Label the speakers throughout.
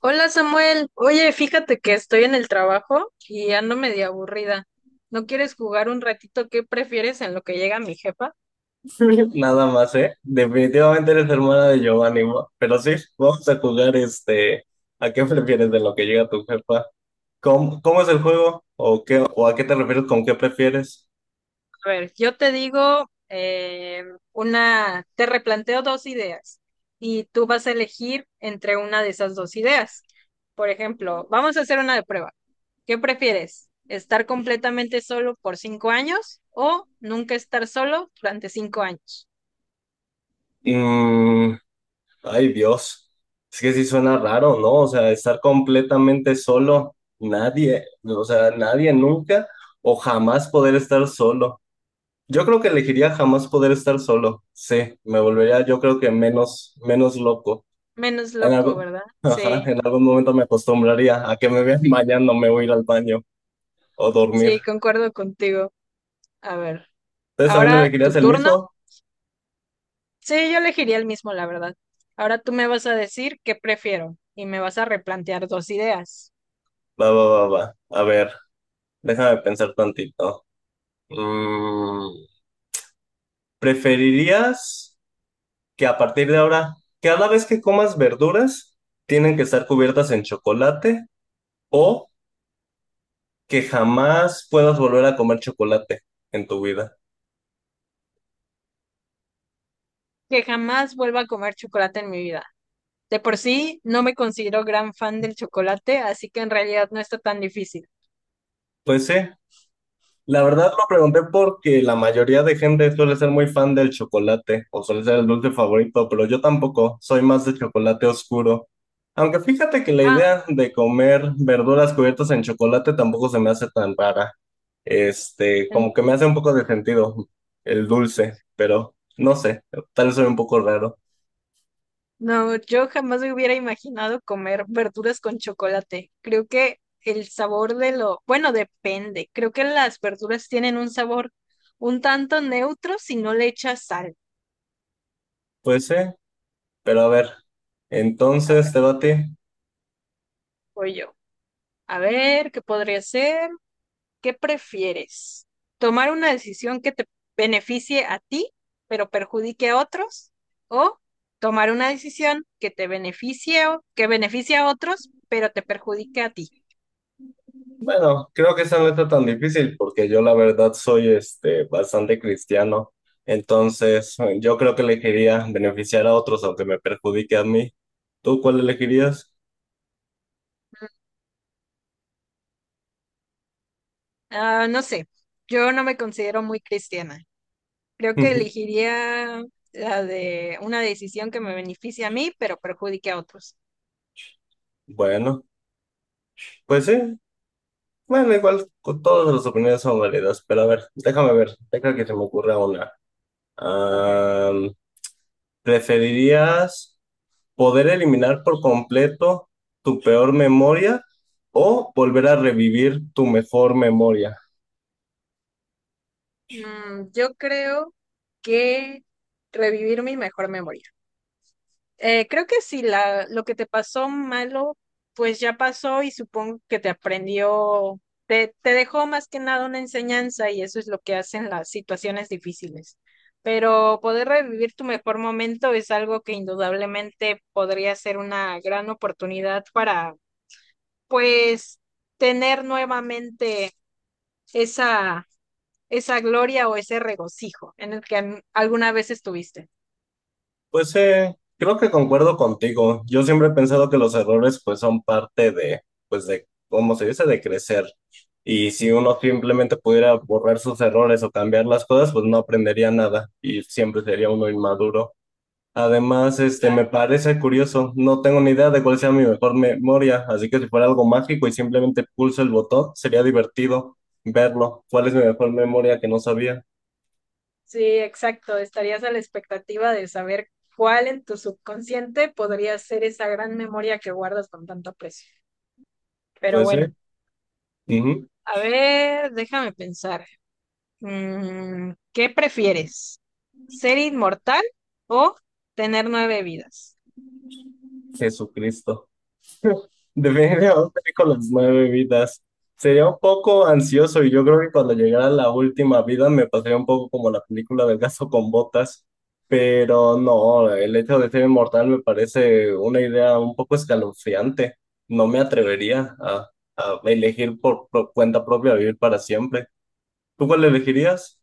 Speaker 1: Hola Samuel, oye, fíjate que estoy en el trabajo y ando medio aburrida. ¿No quieres jugar un ratito? ¿Qué prefieres en lo que llega mi jefa?
Speaker 2: Nada más, ¿eh? Definitivamente eres hermana de Giovanni, ¿no? Pero sí, vamos a jugar este. ¿A qué prefieres de lo que llega tu jefa? ¿Cómo es el juego? ¿O qué, o a qué te refieres con qué prefieres?
Speaker 1: A ver, yo te digo una, te replanteo dos ideas y tú vas a elegir entre una de esas dos ideas. Por ejemplo, vamos a hacer una de prueba. ¿Qué prefieres? ¿Estar completamente solo por 5 años o nunca estar solo durante 5 años?
Speaker 2: Mm, ay, Dios. Es que sí suena raro, ¿no? O sea, estar completamente solo, nadie, o sea, nadie nunca o jamás poder estar solo. Yo creo que elegiría jamás poder estar solo. Sí, me volvería, yo creo que menos loco.
Speaker 1: Menos
Speaker 2: En
Speaker 1: loco,
Speaker 2: algo-
Speaker 1: ¿verdad?
Speaker 2: ajá,
Speaker 1: Sí,
Speaker 2: en algún momento me acostumbraría a que me vean bañando, me voy a ir al baño o dormir.
Speaker 1: sí, concuerdo contigo. A ver,
Speaker 2: ¿Ustedes también
Speaker 1: ahora tu
Speaker 2: elegirías el
Speaker 1: turno.
Speaker 2: mismo?
Speaker 1: Sí, yo elegiría el mismo, la verdad. Ahora tú me vas a decir qué prefiero y me vas a replantear dos ideas.
Speaker 2: Va, va, va, va. A ver, déjame pensar tantito. Mm, ¿Preferirías que a partir de ahora, cada vez que comas verduras, tienen que estar cubiertas en chocolate o que jamás puedas volver a comer chocolate en tu vida?
Speaker 1: Que jamás vuelva a comer chocolate en mi vida. De por sí, no me considero gran fan del chocolate, así que en realidad no está tan difícil.
Speaker 2: Pues sí, la verdad lo pregunté porque la mayoría de gente suele ser muy fan del chocolate o suele ser el dulce favorito, pero yo tampoco, soy más de chocolate oscuro. Aunque fíjate que la
Speaker 1: Ah,
Speaker 2: idea de comer verduras cubiertas en chocolate tampoco se me hace tan rara. Este, como
Speaker 1: en-
Speaker 2: que me hace un poco de sentido el dulce, pero no sé, tal vez soy un poco raro.
Speaker 1: no, yo jamás me hubiera imaginado comer verduras con chocolate. Creo que el sabor bueno, depende. Creo que las verduras tienen un sabor un tanto neutro si no le echas sal.
Speaker 2: Pues sí, pero a ver, entonces te va a ti.
Speaker 1: Voy yo. A ver, ¿qué podría ser? ¿Qué prefieres? ¿Tomar una decisión que te beneficie a ti, pero perjudique a otros? ¿O tomar una decisión que te que beneficie a otros, pero te perjudique a ti?
Speaker 2: Bueno, creo que esa no está tan difícil porque yo la verdad soy este bastante cristiano. Entonces, yo creo que elegiría beneficiar a otros aunque me perjudique a mí. ¿Tú cuál elegirías?
Speaker 1: Ah, no sé, yo no me considero muy cristiana. Creo que elegiría la de una decisión que me beneficie a mí, pero perjudique a otros.
Speaker 2: Bueno, pues sí. Bueno, igual con todas las opiniones son válidas, pero a ver, déjame que se me ocurra una.
Speaker 1: Ok.
Speaker 2: Am, ¿Preferirías poder eliminar por completo tu peor memoria o volver a revivir tu mejor memoria?
Speaker 1: Mm, yo creo que revivir mi mejor memoria. Creo que si la, lo que te pasó malo, pues ya pasó y supongo que te aprendió, te dejó más que nada una enseñanza y eso es lo que hacen las situaciones difíciles. Pero poder revivir tu mejor momento es algo que indudablemente podría ser una gran oportunidad para, pues, tener nuevamente esa, esa gloria o ese regocijo en el que alguna vez estuviste.
Speaker 2: Pues creo que concuerdo contigo. Yo siempre he pensado que los errores pues son parte de, pues de, ¿cómo se dice? De crecer. Y si uno simplemente pudiera borrar sus errores o cambiar las cosas, pues no aprendería nada y siempre sería uno inmaduro. Además, este, me parece curioso, no tengo ni idea de cuál sea mi mejor memoria, así que si fuera algo mágico y simplemente pulso el botón, sería divertido verlo. ¿Cuál es mi mejor memoria que no sabía?
Speaker 1: Sí, exacto. Estarías a la expectativa de saber cuál en tu subconsciente podría ser esa gran memoria que guardas con tanto aprecio. Pero
Speaker 2: Pues,
Speaker 1: bueno,
Speaker 2: ujú.
Speaker 1: a ver, déjame pensar. Mm, ¿qué prefieres? ¿Ser inmortal o tener 9 vidas?
Speaker 2: Jesucristo. Definitivamente con las nueve vidas. Sería un poco ansioso y yo creo que cuando llegara la última vida me pasaría un poco como la película del gato con botas, pero no, el hecho de ser inmortal me parece una idea un poco escalofriante. No me atrevería a elegir por cuenta propia vivir para siempre. ¿Tú cuál elegirías?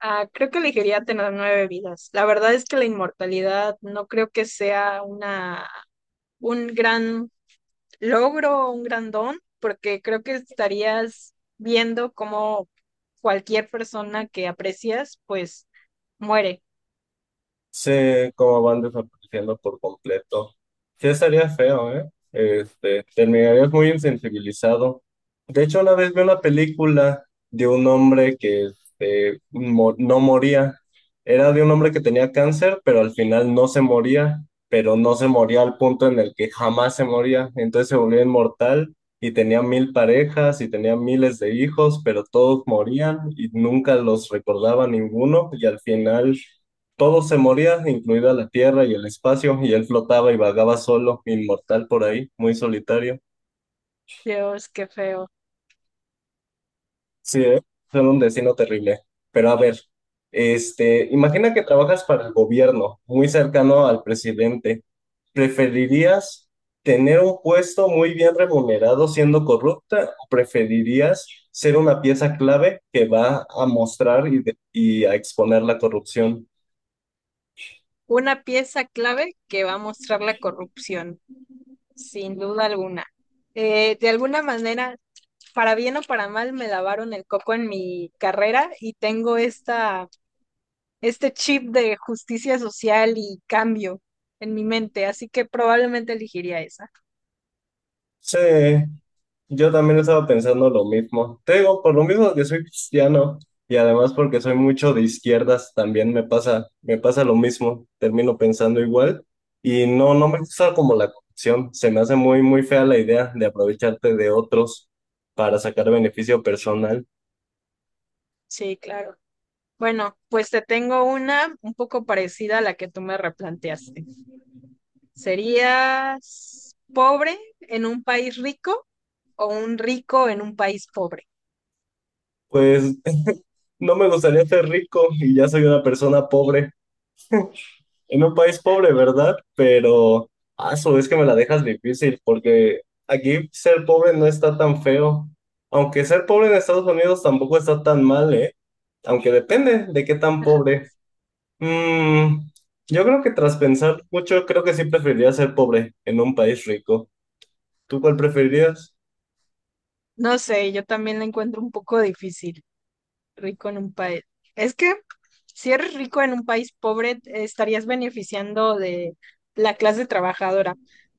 Speaker 1: Ah, creo que elegiría tener 9 vidas. La verdad es que la inmortalidad no creo que sea un gran logro, un gran don, porque creo que estarías viendo cómo cualquier persona que aprecias, pues muere.
Speaker 2: Sé cómo van desapareciendo por completo. Sí, estaría feo, ¿eh? Este, terminarías muy insensibilizado. De hecho, una vez vi una película de un hombre que este, no moría. Era de un hombre que tenía cáncer, pero al final no se moría, pero no se moría al punto en el que jamás se moría. Entonces se volvió inmortal y tenía mil parejas y tenía miles de hijos, pero todos morían y nunca los recordaba ninguno y al final... todo se moría, incluida la tierra y el espacio, y él flotaba y vagaba solo, inmortal por ahí, muy solitario.
Speaker 1: Dios, qué feo.
Speaker 2: Sí, ¿eh? Era un destino terrible. Pero a ver, este, imagina que trabajas para el gobierno, muy cercano al presidente. ¿Preferirías tener un puesto muy bien remunerado siendo corrupta o preferirías ser una pieza clave que va a mostrar y a exponer la corrupción?
Speaker 1: Una pieza clave que va a mostrar la corrupción, sin duda alguna. De alguna manera, para bien o para mal, me lavaron el coco en mi carrera y tengo este chip de justicia social y cambio en mi mente, así que probablemente elegiría esa.
Speaker 2: Sí. Yo también estaba pensando lo mismo. Te digo, por lo mismo que soy cristiano y además porque soy mucho de izquierdas, también me pasa lo mismo. Termino pensando igual y no, no me gusta como la corrupción. Se me hace muy, muy fea la idea de aprovecharte de otros para sacar beneficio personal.
Speaker 1: Sí, claro. Bueno, pues te tengo una un poco parecida a la que tú me replanteaste. ¿Serías pobre en un país rico o un rico en un país pobre?
Speaker 2: Pues no me gustaría ser rico y ya soy una persona pobre. En un país pobre, ¿verdad? Pero, a su vez que me la dejas difícil, porque aquí ser pobre no está tan feo. Aunque ser pobre en Estados Unidos tampoco está tan mal, ¿eh? Aunque depende de qué tan pobre. Mm, yo creo que tras pensar mucho, creo que sí preferiría ser pobre en un país rico. ¿Tú cuál preferirías?
Speaker 1: No sé, yo también la encuentro un poco difícil, rico en un país. Es que si eres rico en un país pobre, te estarías beneficiando de la clase trabajadora,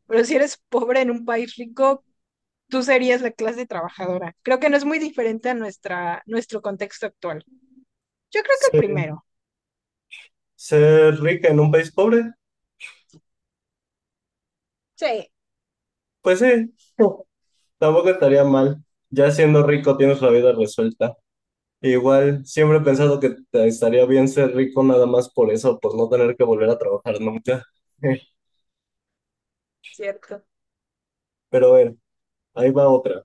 Speaker 1: pero si eres pobre en un país rico, tú serías la clase trabajadora. Creo que no es muy diferente a nuestro contexto actual. Yo creo que el
Speaker 2: ¿Ser,
Speaker 1: primero.
Speaker 2: ¿ser rica en un país pobre?
Speaker 1: Sí,
Speaker 2: Pues sí, tampoco estaría mal. Ya siendo rico tienes la vida resuelta. Igual, siempre he pensado que estaría bien ser rico nada más por eso, por no tener que volver a trabajar nunca.
Speaker 1: cierto.
Speaker 2: Pero a ver, ahí va otra.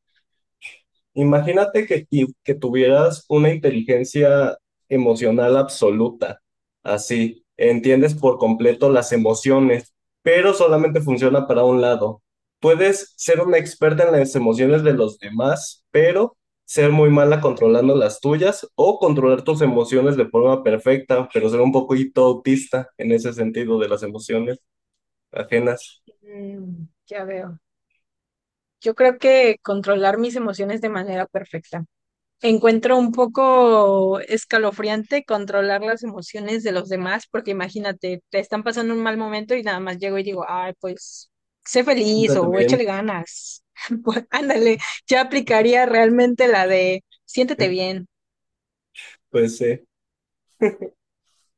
Speaker 2: Imagínate que tuvieras una inteligencia emocional absoluta, así, entiendes por completo las emociones, pero solamente funciona para un lado. Puedes ser una experta en las emociones de los demás, pero ser muy mala controlando las tuyas o controlar tus emociones de forma perfecta, pero ser un poquito autista en ese sentido de las emociones ajenas.
Speaker 1: Mm, ya veo. Yo creo que controlar mis emociones de manera perfecta. Encuentro un poco escalofriante controlar las emociones de los demás, porque imagínate, te están pasando un mal momento y nada más llego y digo, ay, pues, sé feliz
Speaker 2: Está
Speaker 1: o échale
Speaker 2: bien,
Speaker 1: ganas. Pues, ándale, ya aplicaría realmente la de siéntete bien.
Speaker 2: pues sí.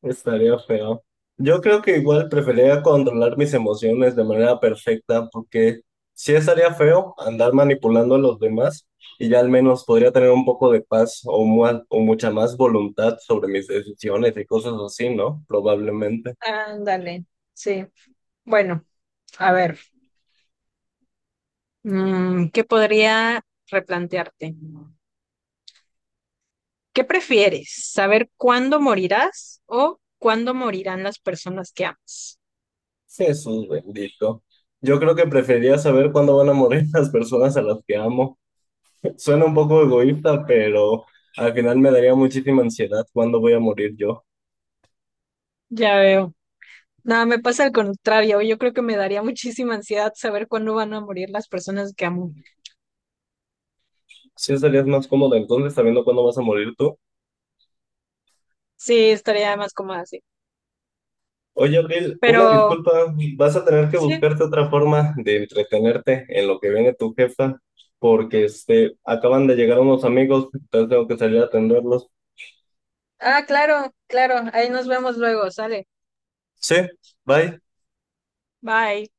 Speaker 2: Estaría feo. Yo creo que igual preferiría controlar mis emociones de manera perfecta, porque sí estaría feo andar manipulando a los demás y ya al menos podría tener un poco de paz o mucha más voluntad sobre mis decisiones y cosas así, ¿no? Probablemente.
Speaker 1: Ándale, sí. Bueno, a ver, mm, ¿qué podría replantearte? ¿Qué prefieres? ¿Saber cuándo morirás o cuándo morirán las personas que amas?
Speaker 2: Jesús bendito. Yo creo que preferiría saber cuándo van a morir las personas a las que amo. Suena un poco egoísta, pero al final me daría muchísima ansiedad cuándo voy a morir yo.
Speaker 1: Ya veo. Nada, me pasa al contrario. Yo creo que me daría muchísima ansiedad saber cuándo van a morir las personas que amo.
Speaker 2: Sí estarías más cómodo entonces sabiendo cuándo vas a morir tú.
Speaker 1: Sí, estaría más cómoda así.
Speaker 2: Oye, Abril, una
Speaker 1: Pero
Speaker 2: disculpa, vas a tener que
Speaker 1: sí.
Speaker 2: buscarte otra forma de entretenerte en lo que viene tu jefa, porque este, acaban de llegar unos amigos, entonces tengo que salir a atenderlos.
Speaker 1: Ah, claro, claro. Ahí nos vemos luego. Sale.
Speaker 2: Sí, bye.
Speaker 1: Bye.